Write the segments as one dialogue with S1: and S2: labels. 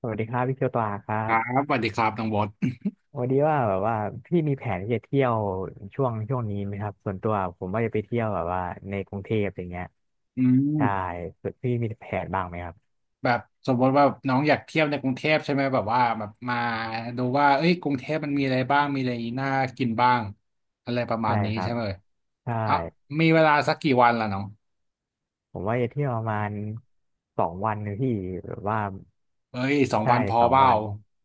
S1: สวัสดีครับพี่เคียวตวาครั
S2: ครั
S1: บ
S2: บสวัสดีครับน้องบอส
S1: วันนี้ว่าแบบว่าพี่มีแผนที่จะเที่ยวช่วงนี้ไหมครับส่วนตัวผมว่าจะไปเที่ยวแบบว่าในกรุงเทพอย่างเงี้ย
S2: อื
S1: ใช่
S2: ม
S1: ส่วนพี่มีแผนบ้างไหมครับ
S2: แบบสมมติว่าน้องอยากเที่ยวในกรุงเทพใช่ไหมแบบว่าแบบมาดูว่าเอ้ยกรุงเทพมันมีอะไรบ้างมีอะไรน่ากินบ้างอะไรประมา
S1: ใช่
S2: ณนี้
S1: ครั
S2: ใช่
S1: บ
S2: ไหม
S1: ใช่
S2: เอ่ะมีเวลาสักกี่วันล่ะน้อง
S1: ผมว่าจะเที่ยวประมาณสองวันนะพี่แบบว่า
S2: เอ้ยสอง
S1: ใช่
S2: วันพอ
S1: สอง
S2: เปล่า
S1: วัน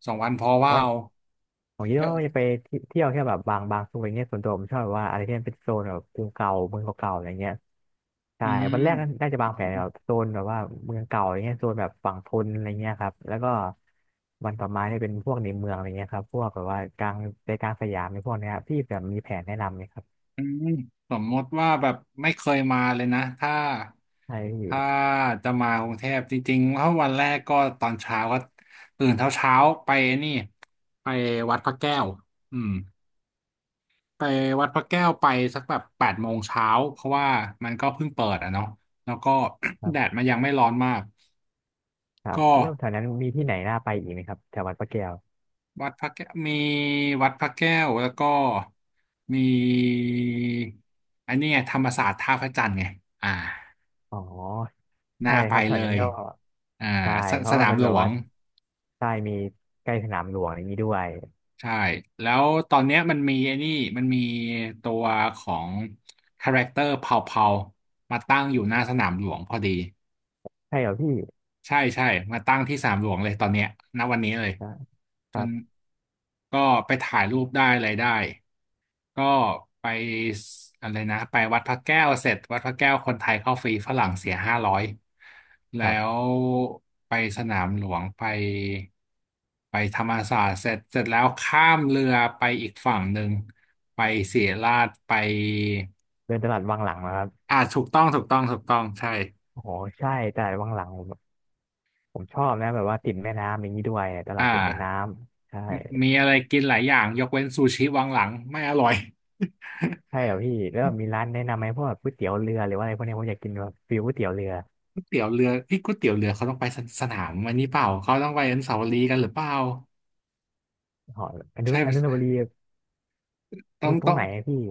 S2: สองวันพอเป
S1: เพราะ
S2: ล่า
S1: ว่าผมคิด
S2: เย
S1: ว่า
S2: อะ
S1: จะไปเที่ยวแค่แบบบางส่วนอย่างเงี้ยส่วนตัวผมชอบแบบว่าอะไรที่มันเป็นโซนแบบกรุงเก่าเมืองเก่าๆอะไรเงี้ย ใช่
S2: อื
S1: วัน
S2: ม
S1: แรกน่าจะวางแผนแบบโซนแบบว่าเมืองเก่าอย่างเงี้ยโซนแบบฝั่งทนอะไรเงี้ยครับแล้วก็วันต่อมาเนี่ยเป็นพวกในเมืองอะไรเงี้ยครับพวกแบบว่ากลางใจกลางสยามในพวกเนี้ยครับพี่แบบมีแผนแนะนำไหมครับ
S2: อืมสมมติว่าแบบไม่เคยมาเลยนะถ้า
S1: ใช่พี่
S2: ถ้าจะมากรุงเทพจริงๆถ้าวันแรกก็ตอนเช้าก็ตื่นเช้าเช้าไปนี่ไปวัดพระแก้วอืมไปวัดพระแก้วไปสักแบบ8 โมงเช้าเพราะว่ามันก็เพิ่งเปิดอ่ะเนาะแล้วก็
S1: ค รั
S2: แดด
S1: บ
S2: มันยังไม่ร้อนมาก
S1: ครับ
S2: ก็
S1: แล้วแถวนั้นมีที่ไหนน่าไปอีกไหมครับแถววัดพระแก้ว
S2: วัดพระแก้วมีวัดพระแก้วแล้วก็มีอันนี้ไงธรรมศาสตร์ท่าพระจันทร์ไงอ่า
S1: อ๋อ
S2: น่า
S1: ใช่
S2: ไป
S1: ครับแถ
S2: เล
S1: วนั้น
S2: ย
S1: ก็
S2: อ่า
S1: ใช่
S2: ส
S1: เพ
S2: ส
S1: ราะว่า
S2: นาม
S1: มัน
S2: หล
S1: แบบ
S2: ว
S1: ว่า
S2: ง
S1: ใช่มีใกล้สนามหลวงอย่างนี้ด้วย
S2: ใช่แล้วตอนเนี้ยมันมีไอ้นี่มันมีตัวของคาแรคเตอร์เผาๆ มาตั้งอยู่หน้าสนามหลวงพอดี
S1: ใช่เหรอพี่
S2: ใช่ใช่มาตั้งที่สนามหลวงเลยตอนเนี้ยณวันนี้เลย
S1: ครับค
S2: จ
S1: รั
S2: น
S1: บ
S2: ก็ไปถ่ายรูปได้อะไรได้ ก็ไปอะไรนะไปวัดพระแก้วเสร็จวัดพระแก้วคนไทยเข้าฟรีฝรั่งเสีย500
S1: ค
S2: แล้
S1: รับ
S2: วไปสนามหลวงไปธรรมศาสตร์เสร็จเสร็จแล้วข้ามเรือไปอีกฝั่งหนึ่งไปศิริราชไป
S1: เดินตลาดวังหลังนะครับ
S2: อ่าถูกต้องถูกต้องถูกต้องใช่
S1: โอ้โหใช่ตลาดวังหลัง ผมชอบนะแบบว่าติดแม่น้ำอย่างนี้ด้วยตลา
S2: อ่า
S1: ดติดแม่น้ำใช่
S2: มีอะไรกินหลายอย่างยกเว้นซูชิวังหลังไม่อร่อย
S1: ใช่เหรอพี่แล้วมีร้านแนะนำไหมพวกแบบก๋วยเตี๋ยวเรือหรือว่าอะไรพวกเนี้ยผมอยากกินแบบฟิวก๋วยเตี๋ยวเรือ
S2: ก๋วยเตี๋ยวเรือเอ้ยก๋วยเตี๋ยวเรือเขาต้องไปสสนามวันนี้เปล่าเขาต้องไปอนุสาวรีย์กันหรือเปล่า
S1: หออนุ
S2: ใช่
S1: อนุสาวรีย์ต
S2: ต้อ
S1: รง
S2: ง
S1: ตร
S2: ต้อ
S1: ง
S2: ง
S1: ไหนอะพี่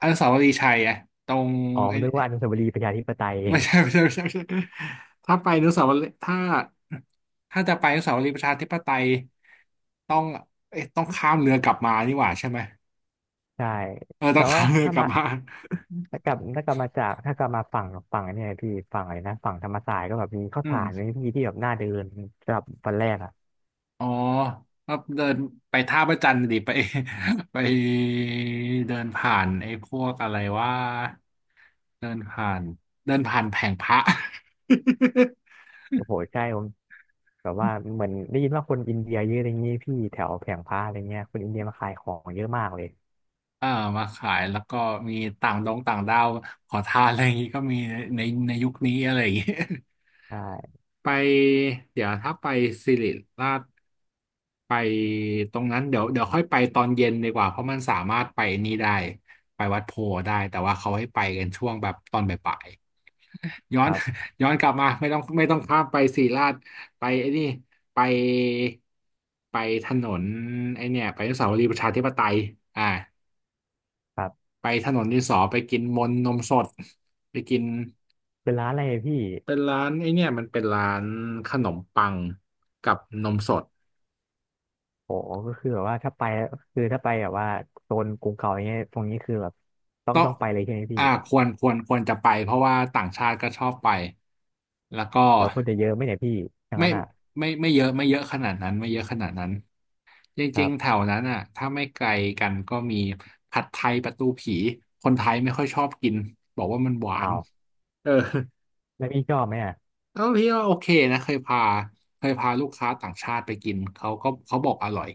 S2: อนุสาวรีย์ชัยอะตรง
S1: อ๋อผ
S2: ไอ้
S1: มนึกว่าอนุสาวรีย์ประชาธิปไตย
S2: ไม่ใช่ ไม่ใช่ไม่ใช่ไม่ใช่ถ้าไปอนุสาวรีย์ถ้าจะไปอนุสาวรีย์ประชาธิปไตยต้องเอ๊ะต้องข้ามเรือกลับมานี่หว่าใช่ไหม
S1: ใช่
S2: เออต้
S1: แต่
S2: อง
S1: ว่า
S2: ข้ามเรือ
S1: ถ้า
S2: กลับ
S1: มา
S2: มา
S1: ถ้ากลับถ้ากลับมาจากถ้ากลับมาฝั่งเนี่ยพี่ฝั่งอะไรนะฝั่งธรรมศาสตร์ก็แบบมีข้าว
S2: อื
S1: สารมี
S2: ม
S1: พี่ที่แบบน่าเดินสำหรับวันแรกอ่ะ
S2: อ๋อแล้วเดินไปท่าพระจันทร์ดิไป ไปเดินผ่านไอ้พวกอะไรว่าเดินผ่านเดินผ่านแผงพระ
S1: โอ้โหใช่ผมแบบว่าเหมือนได้ยินว่าคนอินเดียเยอะอะไรเงงี้ยพี่แถวแผงพระอะไรเงี้ยคนอินเดียมาขายของเยอะมากเลย
S2: เอ่อมาขายแล้วก็มีต่างดงต่างดาวขอทานอะไรอย่างงี้ก็มีในในยุคนี้อะไรอย่างงี้
S1: ใช่
S2: ไปเดี๋ยวถ้าไปสิริราชไปตรงนั้นเดี๋ยวเดี๋ยวค่อยไปตอนเย็นดีกว่าเพราะมันสามารถไปนี่ได้ไปวัดโพธิ์ได้แต่ว่าเขาให้ไปกันช่วงแบบตอนบ่ายๆย้อ
S1: ค
S2: น
S1: รับ
S2: ย้อนกลับมาไม่ต้องไม่ต้องข้ามไปสิริราชไปไอ้นี่ไปไปถนนไอ้เนี่ยไปอนุสาวรีย์ประชาธิปไตยอ่า
S1: ครับ
S2: ไปถนนดินสอไปกินมนต์นมสดไปกิน
S1: เป็นร้านอะไรพี่
S2: เป็นร้านไอเนี่ยมันเป็นร้านขนมปังกับนมสด
S1: โหก็คือแบบว่าถ้าไปคือถ้าไปแบบว่าโซนกรุงเก่าอย่างเงี้ยตรงนี้คือแบบต้อง
S2: ต้อง
S1: ต้องไปเลยใช่ไหมพี่
S2: ควรจะไปเพราะว่าต่างชาติก็ชอบไปแล้วก็
S1: แล้วคนจะเยอะไหมเนี่ยพี่อย่าง
S2: ไม่
S1: นั้นอ่ะ
S2: ไม่เยอะไม่เยอะขนาดนั้นไม่เยอะขนาดนั้นจ
S1: ค
S2: ริ
S1: รั
S2: งๆแถ
S1: บ
S2: วนั้นอ่ะถ้าไม่ไกลกันก็มีผัดไทยประตูผีคนไทยไม่ค่อยชอบกินบอกว่ามันหวา
S1: อ้า
S2: น
S1: ว
S2: เออ
S1: แล้วพี่ชอบไหมอ่ะ
S2: ก็พี่ว่าโอเคนะเคยพาลูกค้าต่างชาติไปกินเขาก็เขาบอกอร่อย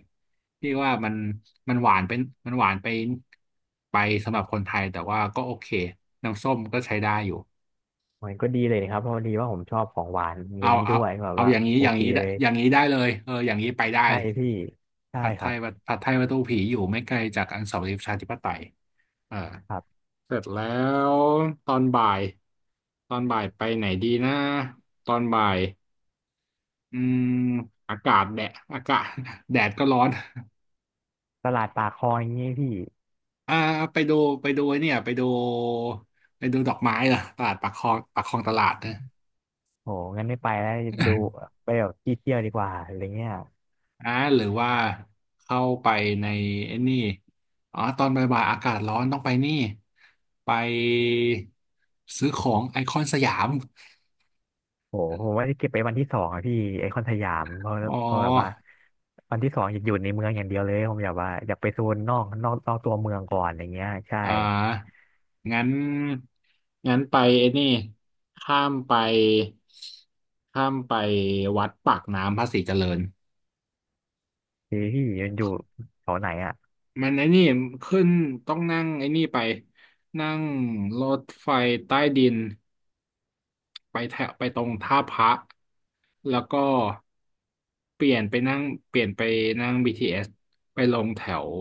S2: พี่ว่ามันหวานเป็นมันหวานไปสำหรับคนไทยแต่ว่าก็โอเคน้ำส้มก็ใช้ได้อยู่
S1: มันก็ดีเลยครับเพราะดีว่าผมชอบของหวานอะไรอ
S2: เอา
S1: ย่างนี้
S2: เอา
S1: ด้วยแบบ
S2: เอา
S1: ว่า
S2: อย่างนี้
S1: โอ
S2: อย่าง
S1: เค
S2: นี้ได้
S1: เลย
S2: อย่างนี้ได้เลยเอออย่างนี้ไปได้
S1: ใช่พี่ใช่
S2: ผัดไท
S1: ครับ
S2: ยวัดผัดไทยประตูผีอยู่ไม่ไกลจากอนุสาวรีย์ประชาธิปไตยเออ
S1: ครับ
S2: เสร็จแล้วตอนบ่ายตอนบ่ายไปไหนดีนะตอนบ่าย อืมอากาศแดดอากาศ แดดก็ร้อน
S1: ตลาดปากคลองอย่างงี้พี่
S2: อ่าไปดูไปดูไอ้เนี่ยไปดูดอกไม้เหรอตลาดปากคลองปากคลองตลาดนะ
S1: โหงั้นไม่ไปแล้วดู ไปแบบที่เที่ยวดีกว่าอะไรเงี้ย
S2: อ่าหรือว่าเข้าไปในไอ้นี่อ๋อตอนบ่ายๆอากาศร้อนต้องไปนี่ไปซื้อของไอคอนสยาม
S1: โหผมว่าจะเก็บไปวันที่สองอะพี่ไอคอนสยามเพราะ
S2: อ๋อ
S1: เพราะแบบว่าวันที่สองอยากอยู่ในเมืองอย่างเดียวเลยผมอยากว่าอยากไปโซนนอกตัวเมืองก่อนอย่างเงี้ยใช่
S2: อ่างั้น งั้นไปไอ้นี่ข้ามไป ข้ามไปวัดปากน้ำภาษีเจริญ
S1: พี่มันอยู่แถวไหนอ่ะ
S2: มันไอ้นี่ขึ้นต้องนั่งไอ้นี่ไปนั่งรถไฟใต้ดินไปแถวไปตรงท่าพระ แล้วก็เปลี่ยนไปนั่งเปลี่ยนไปนั่ง BTS ไปลงแถว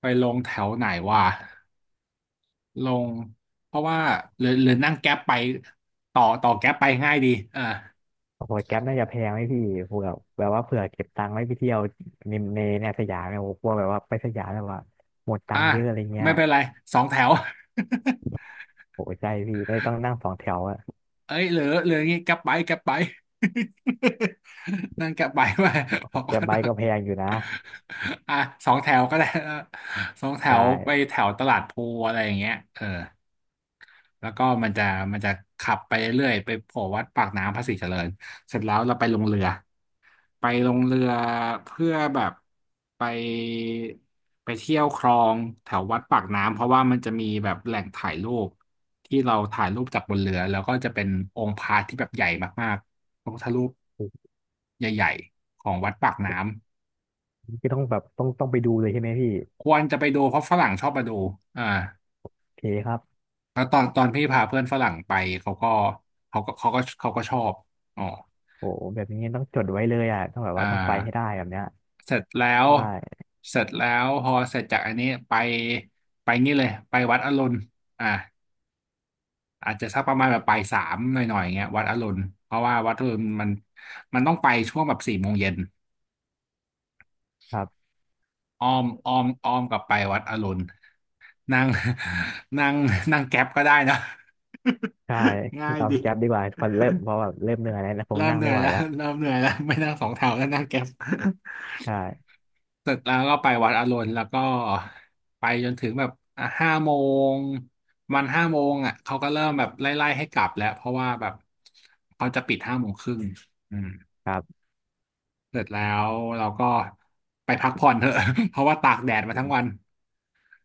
S2: ไปลงแถวไหนวะ ลงเพราะว่าหรือนั่งแก๊ปไปต่อแก๊ปไปง่ายดีอ่า
S1: โอ้โหแก๊ปน่าจะแพงไหมพี่เผื่อแบบว่าเผื่อเก็บตังค์ไว้ไปเที่ยวในสยามเนี่ยโอ้โหกลัวแบบว่าไปสยามแบบว่าหมดตั
S2: อ่า
S1: งค์เยอะอะไรเงี้ย
S2: ไม่เป็นไรสองแถว
S1: โอ้โหใช่พี่ได้ต้องนั่งสองแถวอะ
S2: เอ้ยเหลืออย่างงี้แก๊ปไปแก๊ปไป นั่งแก๊ปไปไป
S1: โอ้
S2: บ
S1: โห
S2: อก
S1: แก๊
S2: ว่า
S1: ปไบค์ก็แพงอยู่นะ
S2: อ่ะสองแถวก็ได้ นะสองแถ
S1: ใช่
S2: วไปแถวตลาดพลูอะไรอย่างเงี้ยเออแล้วก็มันจะขับไปเรื่อยๆไปโผล่วัดปากน้ำภาษีเจริญเสร็จแล้วเราไปลงเรือ ไปลงเรือเพื่อแบบไปไปเที่ยวคลองแถววัดปากน้ำเพราะว่ามันจะมีแบบแหล่งถ่ายรูปที่เราถ่ายรูปจากบนเรือแล้วก็จะเป็นองค์พระที่แบบใหญ่มากๆพระพุทธรูปใหญ่ๆของวัดปากน้ำ
S1: พี่ต้องแบบต้องไปดูเลยใช่ไหมพี่
S2: ควรจะไปดูเพราะฝรั่งชอบมาดูอ่า
S1: โอเคครับ
S2: แล้วตอนพี่พาเพื่อนฝรั่งไปเขาก็เขาก็ชอบอ๋อ
S1: โอ้โหแบบนี้ต้องจดไว้เลยอ่ะต้องแบบ
S2: อ่า
S1: ว่าต้องไปให้ได้แบบเนี้ย
S2: เสร็จแล้
S1: ใช
S2: ว
S1: ่
S2: เสร็จแล้วพอเสร็จจากอันนี้ไปไปนี่เลยไปวัดอรุณอ่าอาจจะสักประมาณแบบปลายสามหน่อยๆอย่างเงี้ยวัดอรุณเพราะว่าวัดอรุณมันต้องไปช่วงแบบ4 โมงเย็น
S1: ครับ
S2: อ้อมกลับไปวัดอรุณนั่ง นั่งนั่งแก๊ปก็ได้นะ
S1: ใช่
S2: ง่าย
S1: เอาแก๊ปดี
S2: ดี
S1: กว่าพอเริ่มเพราะแบบเริ่มเหนื่อยแล้วนะคง
S2: เริ่ม
S1: นั่ง
S2: เหนื่
S1: ไม่
S2: อย
S1: ไหว
S2: แล้ว
S1: แล้ว
S2: เริ่มเหนื่อยแล้วไม่นั่งสองแถวแล้วนั่งแก๊ป
S1: ใช่
S2: เสร็จแล้วก็ไปวัดอรุณแล้วก็ไปจนถึงแบบห้าโมงห้าโมงอ่ะเขาก็เริ่มแบบไล่ๆให้กลับแล้วเพราะว่าแบบเขาจะปิด5 โมงครึ่งอืม
S1: ครับ
S2: เสร็จแล้วเราก็ไปพักผ่อนเถอะ เพราะว่าตากแดดมาทั้งวัน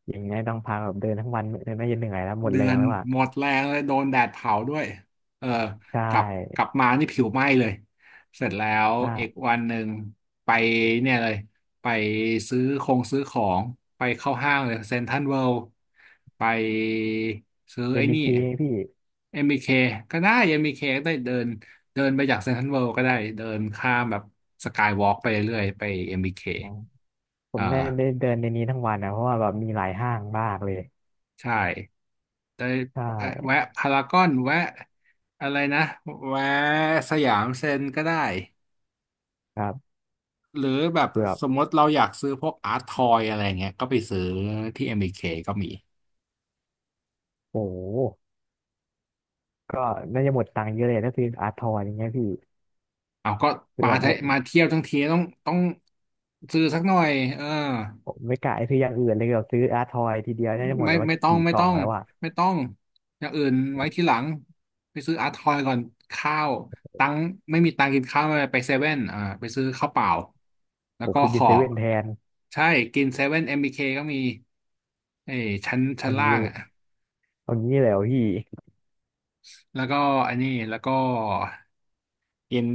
S1: อย่างนี้ต้องพาแบบเดินทั้งวันเดินไม่จนเหนื่อยแล้วหมด
S2: เดื
S1: แร
S2: อ
S1: ง
S2: น
S1: แล้วอ่ะ
S2: หมดแรงเลยโดนแดดเผาด้วยเออ
S1: ใช
S2: กลับกลั
S1: ่
S2: บมานี่ผิวไหม้เลย เสร็จแล้ว
S1: ใช่
S2: อีกวันหนึ่งไปเนี่ยเลยไปซื้อของ ไปเข้าห้างเลยเซ็นทรัลเวิลด์ไปซื้อไอ้นี่
S1: ABK พี่
S2: MBK ก็ได้ MBK ก็ได้เดินเดินไปจากเซ็นทรัลเวิลด์ก็ได้เดินข้ามแบบสกายวอล์กไปเรื่อยๆไป MBK อมบี
S1: อ๋อ
S2: เค
S1: ผม
S2: อ่า
S1: ได้ได้เดินในนี้ทั้งวันนะเพราะว่าแบบมีหลายห้างมากเลย
S2: ใช่ ได้
S1: ใช่
S2: แวะพารากอนแวะอะไรนะแวะสยามเซ็นก็ได้
S1: ครับ
S2: หรือแบบ
S1: คือแบบ
S2: สมมติเราอยากซื้อพวกอาร์ตทอยอะไรเงี้ยก็ไปซื้อที่ MBK ก็มี
S1: โอ้โหก็น่าจะหมดตังค์เยอะเลยถ้าซื้ออาร์ทอนอย่างเงี้ยพี่
S2: เอาก็
S1: คือ
S2: มา
S1: แบบ
S2: ไทยมาเที่ยวทั้งทีต้องซื้อสักหน่อยเออ
S1: ผมไม่กะซื้ออย่างอื่นเลยเดีซื้ออาร์ทอยทีเดียวน่าจะหมด
S2: ไม่
S1: แล้วว่า
S2: ไม่ต้อง
S1: กี่
S2: ไม่
S1: กล่อ
S2: ต้อ
S1: ง
S2: ง
S1: แล้วอ่ะ
S2: ไม่ต้องอย่างอื่นไว้ทีหลังไปซื้ออาร์ทอยก่อนข้าวตังค์ไม่มีตังค์กินข้าวไม่เป็นไรไปเซเว่นอ่าไปซื้อข้าวเปล่าแล้ว
S1: โอ้
S2: ก็
S1: คือ
S2: ข
S1: กิน
S2: อ
S1: เซเว่นแทน
S2: ใช่กินเซเว่นเอ็มบีเคก็มีเอ้ยชั้นชั้
S1: เอา
S2: นล่า
S1: งี้
S2: งอ่ะ
S1: เอางี้เลยเหรอพี่
S2: แล้วก็อันนี้แล้วก็กิน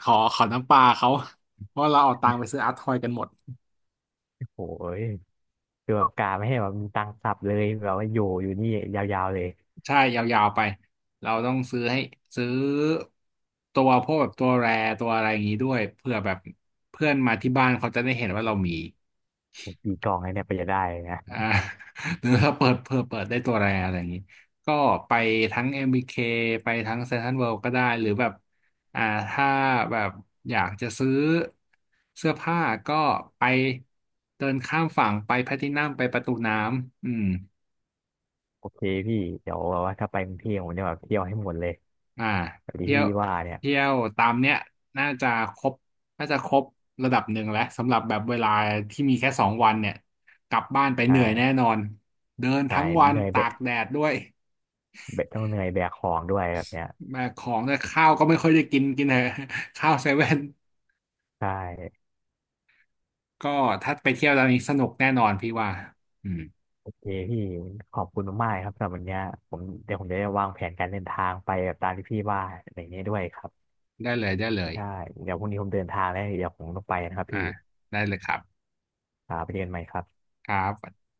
S2: ขอน้ำปลาเขาเพราะเราเอาตังค์ไปซื้ออาร์ทอยกันหมด
S1: โอ้ยคือแบบกาไม่ให้แบบมีตังค์สับเลยแบบว่าอยู่นี่ยาวๆเลย
S2: ใช่ยาวๆไปเราต้องซื้อตัวพวกแบบตัวแรตัวอะไรอย่างนี้ด้วยเพื่อแบบเพื่อนมาที่บ้านเขาจะได้เห็นว่าเรามี
S1: โอ้กี่กล่องเลยเนี่ยไปจะได้นะ
S2: อ่า หรือเราเปิดเพื่อเปิดได้ตัวแรอะไรอย่างนี้ก็ไปทั้ง MBK ไปทั้งเซ็นทรัลเวิลด์ก็ได้หรือแบบอ่าถ้าแบบอยากจะซื้อเสื้อผ้าก็ไปเดินข้ามฝั่งไปแพทินัมไปประตูน้ำอืม
S1: โอเคพี่เดี๋ยวแบบว่าถ้าไปกรุงเทพผมจะแบบเที่ยวให้หมดเลย
S2: อ่า
S1: แบบที่
S2: เที่ย
S1: พี่
S2: ว
S1: ว่าเนี่ย
S2: เที่ยวตามเนี้ยน่าจะครบน่าจะครบระดับหนึ่งแล้วสำหรับแบบเวลาที่มีแค่2 วันเนี่ยกลับบ้านไปเหนื่อยแน่
S1: ใช่
S2: นอนเดิน
S1: ใช่
S2: ทั้งวัน
S1: เหนื่อยแบ
S2: ตา
S1: ก
S2: กแดดด้วย
S1: ต้องเหนื่อยแบกของด้วยแบบเนี้ย
S2: แบกของด้ยข้าวก็ไม่ค่อยได้กินกินเถอะ ข้าวเซเว่น
S1: ใช่
S2: ก็ถ้าไปเที่ยวตอนนี้สนุกแน่นอนพี่ว่าอืม
S1: โอเคพี่ขอบคุณมากๆครับสำหรับวันเนี้ยผมเดี๋ยวผมจะได้วางแผนการเดินทางไปแบบตามที่พี่ว่าอะไรอย่างเงี้ยด้วยครับ
S2: ได้เลยได้เลย
S1: ใช่เดี๋ยวพรุ่งนี้ผมเดินทางแล้วเดี๋ยวผมต้องไปนะครับพี่
S2: อ่าได้เลยครับ
S1: ครับไปเจอกันใหม่ครับ
S2: ครับ